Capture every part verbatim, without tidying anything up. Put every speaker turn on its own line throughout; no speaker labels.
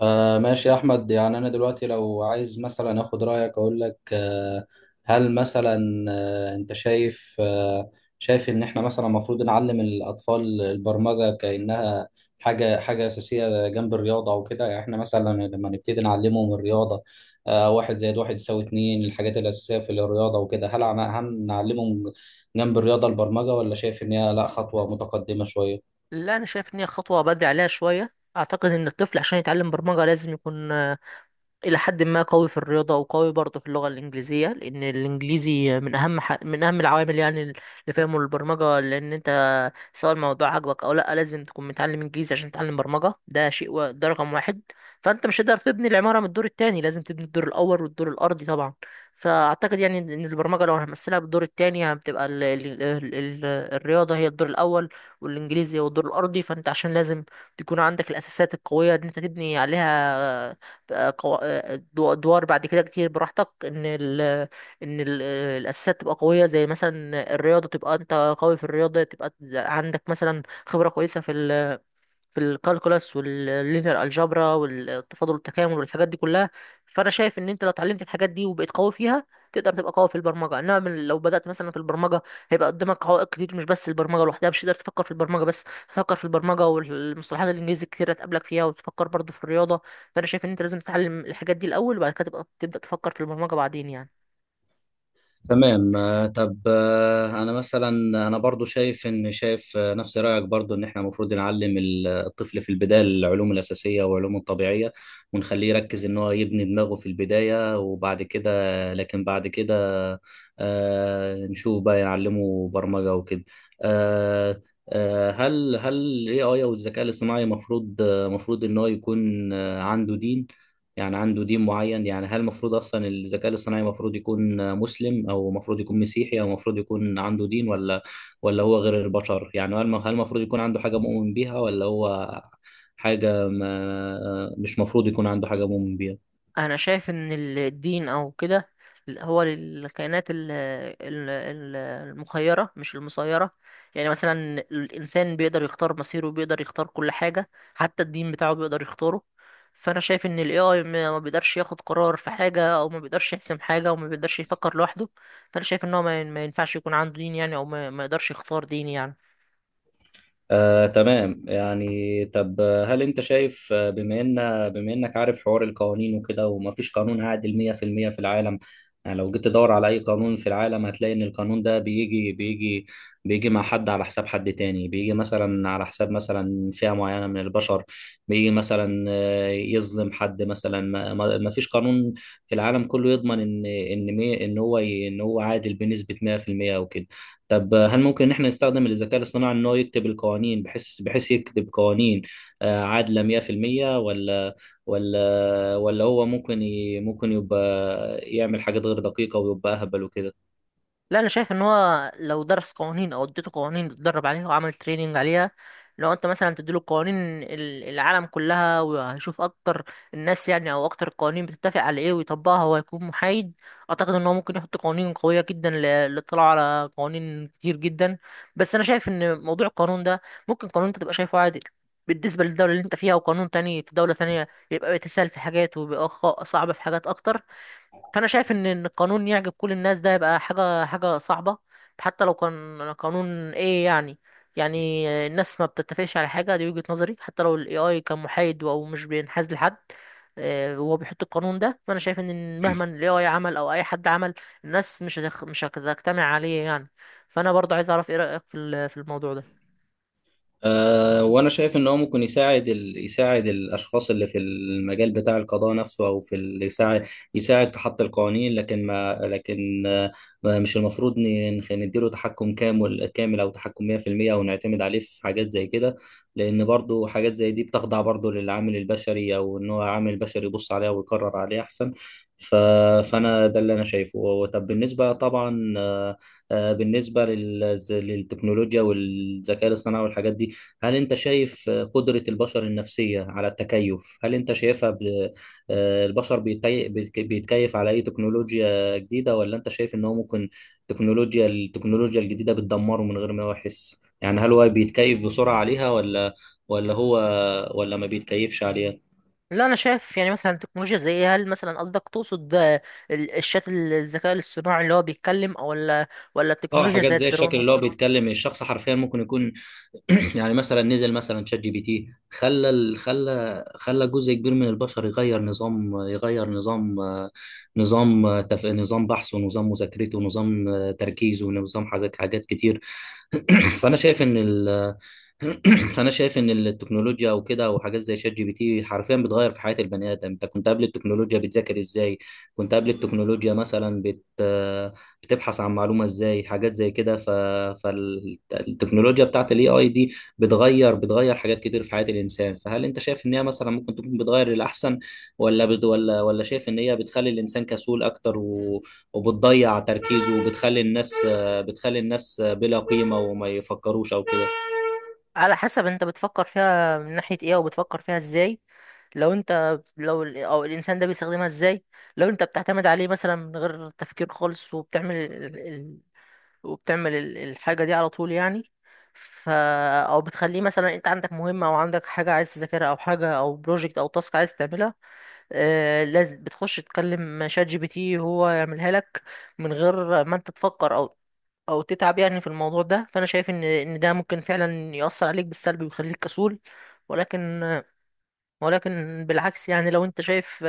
آه، ماشي يا أحمد. يعني أنا دلوقتي لو عايز مثلا أخد رأيك أقول لك، آه هل مثلا، آه أنت شايف، آه شايف إن إحنا مثلا المفروض نعلم الأطفال البرمجة كأنها حاجة حاجة أساسية جنب الرياضة وكده. يعني إحنا مثلا لما نبتدي نعلمهم الرياضة، آه واحد زائد واحد يساوي اتنين، الحاجات الأساسية في الرياضة وكده، هل عم- هم نعلمهم جنب الرياضة البرمجة، ولا شايف إن هي لأ خطوة متقدمة شوية؟
لا، انا شايف ان هي خطوه بدري عليها شويه. اعتقد ان الطفل عشان يتعلم برمجه لازم يكون إلى حد ما قوي في الرياضة وقوي برضه في اللغة الإنجليزية، لأن الإنجليزي من أهم ح... من أهم العوامل يعني اللي فهمه البرمجة، لأن أنت سواء الموضوع عجبك أو لأ لازم تكون متعلم إنجليزي عشان تتعلم برمجة. ده شيء و... ده رقم واحد. فأنت مش هتقدر تبني العمارة من الدور التاني، لازم تبني الدور الأول والدور الأرضي طبعا. فأعتقد يعني إن البرمجة لو هنمثلها بالدور التاني هتبقى ال... ال... ال... ال... الرياضة هي الدور الأول، والإنجليزي هو الدور الأرضي. فأنت عشان لازم تكون عندك الأساسات القوية إن أنت تبني عليها بقى قو- دو- ادوار بعد كده كتير براحتك. ان ال ان ال الاساسات تبقى قويه، زي مثلا الرياضه تبقى انت قوي في الرياضه، تبقى عندك مثلا خبره كويسه في ال في الكالكولاس واللينير الجبرا والتفاضل والتكامل والحاجات دي كلها. فانا شايف ان انت لو اتعلمت الحاجات دي وبقيت قوي فيها تقدر تبقى قوي في البرمجه، انما من لو بدات مثلا في البرمجه هيبقى قدامك عوائق كتير. مش بس البرمجه لوحدها، مش هتقدر تفكر في البرمجه بس، تفكر في البرمجه والمصطلحات الانجليزي الكتير هتقابلك فيها وتفكر برضه في الرياضه. فانا شايف ان انت لازم تتعلم الحاجات دي الاول، وبعد كده تبقى تبدا تفكر في البرمجه بعدين يعني.
تمام. آه، طب، آه، انا مثلا انا برضو شايف ان، شايف آه، نفس رايك، برضو ان احنا المفروض نعلم ال- الطفل في البدايه العلوم الاساسيه والعلوم الطبيعيه، ونخليه يركز ان هو يبني دماغه في البدايه، وبعد كده، لكن بعد كده آه، نشوف بقى نعلمه برمجه وكده. آه، آه، هل هل الاي اي او الذكاء الاصطناعي المفروض المفروض ان هو يكون آه، عنده دين، يعني عنده دين معين؟ يعني هل المفروض اصلا الذكاء الاصطناعي المفروض يكون مسلم، او المفروض يكون مسيحي، او المفروض يكون عنده دين، ولا ولا هو غير البشر؟ يعني هل هل المفروض يكون عنده حاجة مؤمن بيها، ولا هو حاجة ما مش مفروض يكون عنده حاجة مؤمن بيها؟
انا شايف ان ال- الدين او كده هو للكائنات ال- ال- ال- المخيره مش المسيره. يعني مثلا الانسان بيقدر يختار مصيره، بيقدر يختار كل حاجه، حتى الدين بتاعه بيقدر يختاره. فانا شايف ان الاي اي ما ما بيقدرش ياخد قرار في حاجه، او ما بيقدرش يحسم حاجه، او ما بيقدرش يفكر لوحده. فانا شايف ان هو ما ين- ما ينفعش يكون عنده دين يعني، او ما ما يقدرش يختار دين يعني.
آه، تمام. يعني طب، آه، هل انت شايف، آه، بما ان بما انك عارف حوار القوانين وكده، وما فيش قانون عادل مية في المية في المية في العالم، يعني لو جيت تدور على اي قانون في العالم هتلاقي ان القانون ده بيجي بيجي بيجي مع حد على حساب حد تاني، بيجي مثلا على حساب مثلا فئة معينة من البشر، بيجي مثلا آه، يظلم حد مثلا. ما, ما ما فيش قانون في العالم كله يضمن ان ان مي- ان هو ي- ان هو عادل بنسبة مية في المية وكده. طب هل ممكن ان احنا نستخدم الذكاء الاصطناعي ان هو يكتب القوانين، بحيث بحيث يكتب قوانين آه، عادلة مية في المية، ولا ولا ولا هو ممكن ي... ممكن يبقى يعمل حاجات غير دقيقة ويبقى اهبل وكده؟
لا، انا شايف ان هو لو درس قوانين او اديته قوانين اتدرب عليها وعمل تريننج عليها، لو انت مثلا تديله قوانين ال- العالم كلها وهيشوف اكتر الناس يعني، او اكتر القوانين بتتفق على ايه ويطبقها، هو هيكون محايد. اعتقد ان هو ممكن يحط قوانين قوية جدا ل- للاطلاع على قوانين كتير جدا. بس انا شايف ان موضوع القانون ده ممكن قانون انت تبقى شايفه عادي بالنسبة للدولة اللي انت فيها، وقانون تاني في دولة تانية يبقى بيتسهل في حاجات وبيبقى خ- صعب في حاجات اكتر. فانا شايف ان إن القانون يعجب كل الناس ده يبقى حاجه حاجه صعبه، حتى لو كان قانون ايه يعني. يعني الناس ما بتتفقش على حاجه، دي وجهه نظري، حتى لو الاي اي كان محايد او مش بينحاز لحد آه، وهو بيحط القانون ده. فانا شايف ان مهما الاي اي عمل او اي حد عمل الناس مش هتخ... مش هتجتمع عليه يعني. فانا برضه عايز اعرف ايه رايك في ال- في الموضوع ده.
أه، وأنا شايف إن هو ممكن يساعد ال... يساعد الأشخاص اللي في المجال بتاع القضاء نفسه، أو في ال... يساعد يساعد في حط القوانين، لكن ما لكن آه، ما- مش المفروض ن- نخ- نديله تحكم كامل كامل، أو تحكم مية في المية، أو نعتمد عليه في حاجات زي كده، لأن برضو حاجات زي دي بتخضع برضو للعامل البشري، أو إن هو عامل بشري يبص عليها ويقرر عليها أحسن. ف... فأنا ده اللي أنا شايفه. طب بالنسبة طبعا، آه، آه، بالنسبة لل... للتكنولوجيا والذكاء الاصطناعي والحاجات دي، هل انت شايف قدرة البشر النفسية على التكيف؟ هل انت شايفها ب... آه، البشر بيتي... بيتك- بيتكيف على اي تكنولوجيا جديدة، ولا انت شايف ان هو ممكن تكنولوجيا التكنولوجيا الجديدة بتدمره من غير ما هو يحس؟ يعني هل هو بيتكيف بسرعة عليها، ولا ولا هو ولا ما بيتكيفش عليها؟
لا، انا شايف يعني مثلا تكنولوجيا زي إيه؟ هل مثلا قصدك تقصد آه، ال- الشات الذكاء الاصطناعي اللي هو بيتكلم او ولا ولا
اه،
التكنولوجيا
حاجات
زي
زي الشكل
الدرون.
اللي هو بيتكلم الشخص حرفيا، ممكن يكون يعني مثلا نزل مثلا شات جي بي تي، خلى ال- خلى خلى جزء كبير من البشر يغير نظام، يغير نظام نظام تف... نظام بحثه، ونظام مذاكرته، ونظام تركيزه، ونظام حاجات حاجات كتير. فانا شايف ان ال... فانا شايف ان التكنولوجيا او كده، وحاجات زي شات جي بي تي، حرفيا بتغير في حياه البني ادم. انت كنت قبل التكنولوجيا بتذاكر ازاي؟ كنت قبل التكنولوجيا مثلا بت بتبحث عن معلومة ازاي؟ حاجات زي كده. ف... فالتكنولوجيا بتاعت الاي اي دي بتغير بتغير حاجات كتير في حياة الانسان. فهل انت شايف ان هي مثلا ممكن تكون بتغير للاحسن، ولا بت... ولا ولا شايف ان هي بتخلي الانسان كسول اكتر، و... وبتضيع تركيزه، وبتخلي الناس بتخلي الناس بلا قيمة، وما يفكروش او كده؟
على حسب انت بتفكر فيها من ناحية ايه، او بتفكر فيها ازاي، لو انت لو ال- او الانسان ده بيستخدمها ازاي. لو انت بتعتمد عليه مثلا من غير تفكير خالص، وبتعمل ال... ال... وبتعمل ال- الحاجة دي على طول يعني. ف او بتخليه، مثلا انت عندك مهمة او عندك حاجة عايز تذاكرها، او حاجة او بروجكت او تاسك عايز تعملها، آه لازم بتخش تكلم شات جي بي تي هو يعملها لك من غير ما انت تفكر او او تتعب يعني في الموضوع ده. فانا شايف ان ان ده ممكن فعلا يأثر عليك بالسلب ويخليك كسول. ولكن ولكن بالعكس يعني، لو انت شايف،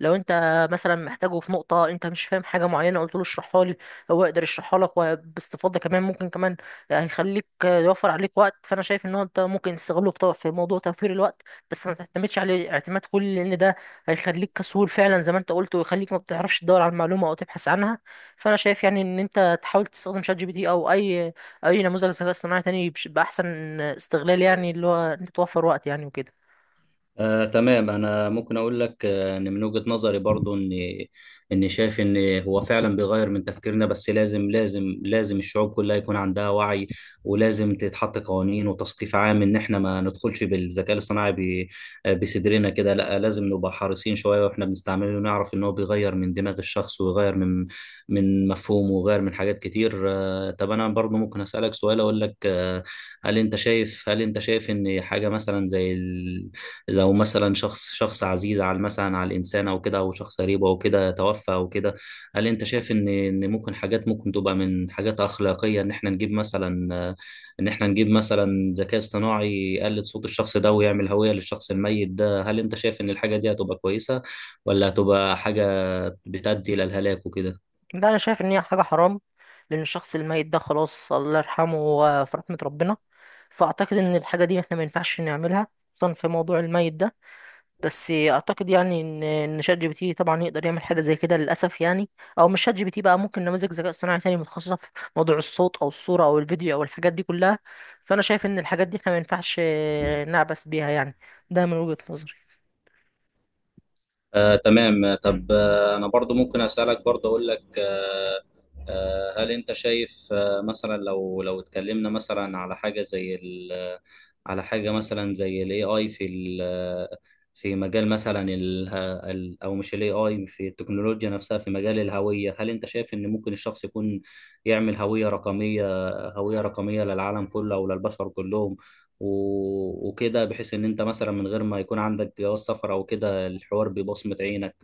لو انت مثلا محتاجه في نقطة انت مش فاهم حاجة معينة، قلت له اشرحها لي، هو يقدر يشرحها لك وباستفاضة كمان، ممكن كمان هيخليك يوفر عليك وقت. فانا شايف ان هو انت ممكن تستغله في في موضوع توفير الوقت، بس ما تعتمدش عليه اعتماد كلي، لان ده هيخليك كسول فعلا زي ما انت قلت، ويخليك ما بتعرفش تدور على المعلومة او تبحث عنها. فانا شايف يعني ان انت تحاول تستخدم شات جي بي تي او اي اي نموذج ذكاء اصطناعي تاني بش- باحسن استغلال، يعني اللي هو انت توفر وقت يعني وكده.
آه، تمام. انا ممكن اقول لك، آه، ان من وجهة نظري برضو، ان ان شايف ان هو فعلا بيغير من تفكيرنا، بس لازم لازم لازم الشعوب كلها يكون عندها وعي، ولازم تتحط قوانين وتثقيف عام، ان احنا ما ندخلش بالذكاء الصناعي ب- آه، بصدرنا كده. لا، لازم نبقى حريصين شوية واحنا بنستعمله، ونعرف ان هو بيغير من دماغ الشخص، ويغير من من مفهومه، ويغير من حاجات كتير. آه، طب انا برضو ممكن اسالك سؤال اقول لك، آه، هل انت شايف هل انت شايف ان حاجه مثلا زي، لو مثلا شخص شخص عزيز على مثلا على الانسان او كده، او شخص قريب او كده، توفى او كده، هل انت شايف ان ان ممكن حاجات، ممكن تبقى من حاجات اخلاقيه، ان احنا نجيب مثلا ان احنا نجيب مثلا ذكاء اصطناعي يقلد صوت الشخص ده، ويعمل هويه للشخص الميت ده؟ هل انت شايف ان الحاجه دي هتبقى كويسه، ولا هتبقى حاجه بتؤدي الى الهلاك وكده؟
لا، انا شايف ان هي حاجه حرام، لان الشخص الميت ده خلاص الله يرحمه، هو في رحمه ربنا. فاعتقد ان الحاجه دي احنا ما ينفعش نعملها، خصوصا في موضوع الميت ده. بس اعتقد يعني ان ان شات جي بي تي طبعا يقدر يعمل حاجه زي كده للاسف يعني، او مش شات جي بي تي بقى، ممكن نماذج ذكاء اصطناعي تاني متخصصه في موضوع الصوت او الصوره او الفيديو او الحاجات دي كلها. فانا شايف ان الحاجات دي احنا ما ينفعش نعبث بيها يعني، ده من وجهه نظري.
آه، تمام. طب، آه، انا برضو ممكن اسالك برضو اقول لك، آه، هل انت شايف آه، مثلا، لو لو اتكلمنا مثلا على حاجه زي ال على حاجه مثلا زي الاي اي في ال في مجال مثلا ال ال- او مش الاي اي في التكنولوجيا نفسها، في مجال الهويه، هل انت شايف ان ممكن الشخص يكون يعمل هويه رقميه، هويه رقميه للعالم كله، او للبشر كلهم، و- وكده، بحيث ان انت مثلا من غير ما يكون عندك جواز سفر او كده، الحوار ببصمة عينك،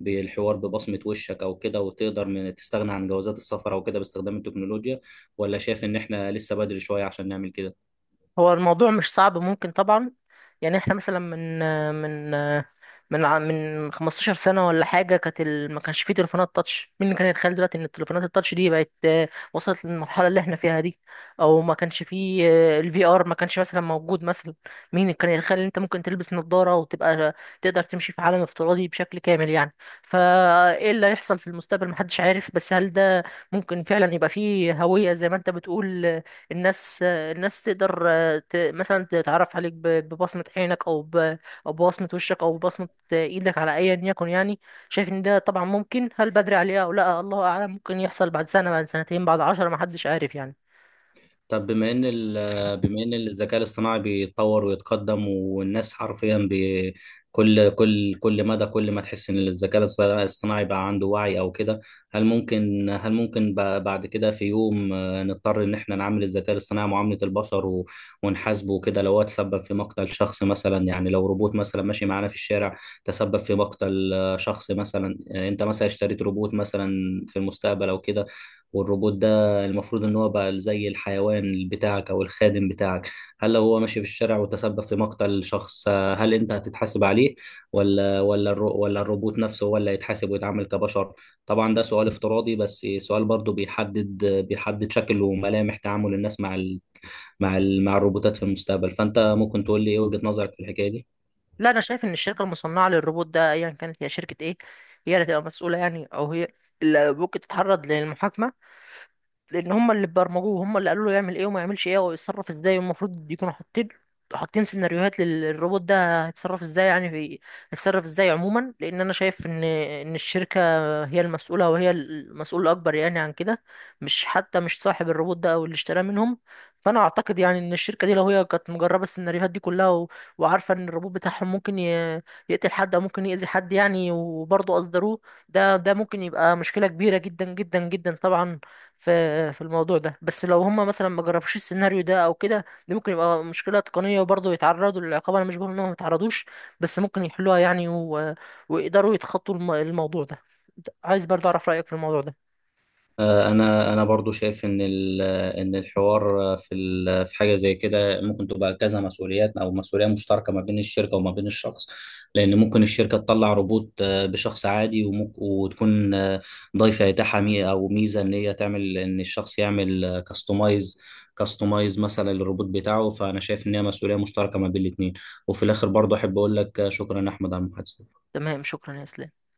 بالحوار ببصمة وشك او كده، وتقدر من تستغنى عن جوازات السفر او كده باستخدام التكنولوجيا؟ ولا شايف ان احنا لسه بدري شوية عشان نعمل كده؟
هو الموضوع مش صعب، ممكن طبعا. يعني احنا مثلا من من من ع- من خمستاشر سنة سنة ولا حاجة كانت ال... ما كانش فيه تليفونات تاتش. مين اللي كان يتخيل دلوقتي ان التليفونات التاتش دي بقت آه، وصلت للمرحلة اللي احنا فيها دي؟ او ما كانش فيه الفي ار، ما كانش مثلا موجود مثلا. مين اللي كان يتخيل ان انت ممكن تلبس نظارة وتبقى تقدر تمشي في عالم افتراضي بشكل كامل يعني؟ فايه اللي هيحصل في المستقبل محدش عارف. بس هل ده ممكن فعلا يبقى فيه هوية زي ما انت بتقول، آه، الناس آه، الناس تقدر ت- مثلا تتعرف عليك ب- ببصمة عينك أو ب- أو ببصمة وشك أو ببصمة إيدك على أيا يكن يعني. شايف إن ده طبعا ممكن، هل بدري عليه أو لأ الله أعلم، ممكن يحصل بعد سنة، بعد سنتين، بعد عشرة، محدش عارف يعني.
طب بما ان ال- بما ان الذكاء الاصطناعي بيتطور ويتقدم، والناس حرفيا بي- كل كل كل مدى، كل ما تحس ان الذكاء الاصطناعي بقى عنده وعي او كده، هل ممكن هل ممكن ب- بعد كده في يوم، آه، نضطر ان احنا نعامل الذكاء الاصطناعي معاملة البشر، و- ونحاسبه وكده لو هو تسبب في مقتل شخص مثلا؟ يعني لو روبوت مثلا ماشي معانا في الشارع، تسبب في مقتل آه، شخص مثلا، آه، انت مثلا اشتريت روبوت مثلا في المستقبل او كده، والروبوت ده المفروض ان هو بقى زي الحيوان بتاعك او الخادم بتاعك، هل لو هو ماشي في الشارع وتسبب في مقتل شخص، آه، هل انت هتتحاسب عليه، ولا ولا الرو ولا الروبوت نفسه هو اللي هيتحاسب ويتعامل كبشر؟ طبعا ده سؤال افتراضي، بس سؤال برضو بيحدد بيحدد شكل وملامح تعامل الناس مع ال مع ال مع الروبوتات في المستقبل. فانت ممكن تقول لي ايه وجهة نظرك في الحكاية دي؟
لا، أنا شايف إن الشركة المصنعة للروبوت ده أيا كانت هي شركة إيه، هي اللي تبقى مسؤولة يعني، أو هي اللي ممكن تتعرض للمحاكمة، لان هم اللي برمجوه، هم اللي قالوا له يعمل ايه وما يعملش ايه ويتصرف ازاي، والمفروض يكونوا حاطين حاطين سيناريوهات لل- للروبوت ده هيتصرف ازاي يعني، في هيتصرف ازاي عموما. لان انا شايف ان ان الشركه هي المسؤوله وهي المسؤول الاكبر يعني عن كده، مش حتى مش صاحب الروبوت ده او اللي اشتراه منهم. فانا اعتقد يعني ان الشركه دي لو هي كانت مجربه السيناريوهات دي كلها و... وعارفه ان الروبوت بتاعهم ممكن ي... يقتل حد او ممكن يأذي حد يعني وبرضه اصدروه، ده ده ممكن يبقى مشكله كبيره جدا جدا جدا طبعا في في الموضوع ده. بس لو هم مثلا ما جربوش السيناريو ده او كده، دي ممكن يبقى مشكله تقنيه وبرضه يتعرضوا للعقاب، انا مش بقول انهم ما يتعرضوش، بس ممكن يحلوها يعني و... ويقدروا يتخطوا الم... الموضوع ده. عايز برضه اعرف رايك في الموضوع ده.
آه، انا انا برضو شايف ان ال- ان الحوار في ال- في حاجه زي كده ممكن تبقى كذا مسؤوليات، او مسؤوليه مشتركه ما بين الشركه وما بين الشخص، لان ممكن الشركه تطلع روبوت، آه، بشخص عادي، ومك- وتكون آه، ضايفه اتاحه مي- او ميزه ان هي تعمل ان الشخص يعمل كاستمايز، كاستمايز مثلا للروبوت بتاعه. فانا شايف ان هي مسؤوليه مشتركه ما بين الاثنين. وفي الاخر برضو احب اقول لك، آه، شكرا يا احمد على المحادثه.
تمام، شكرا يا اسلام.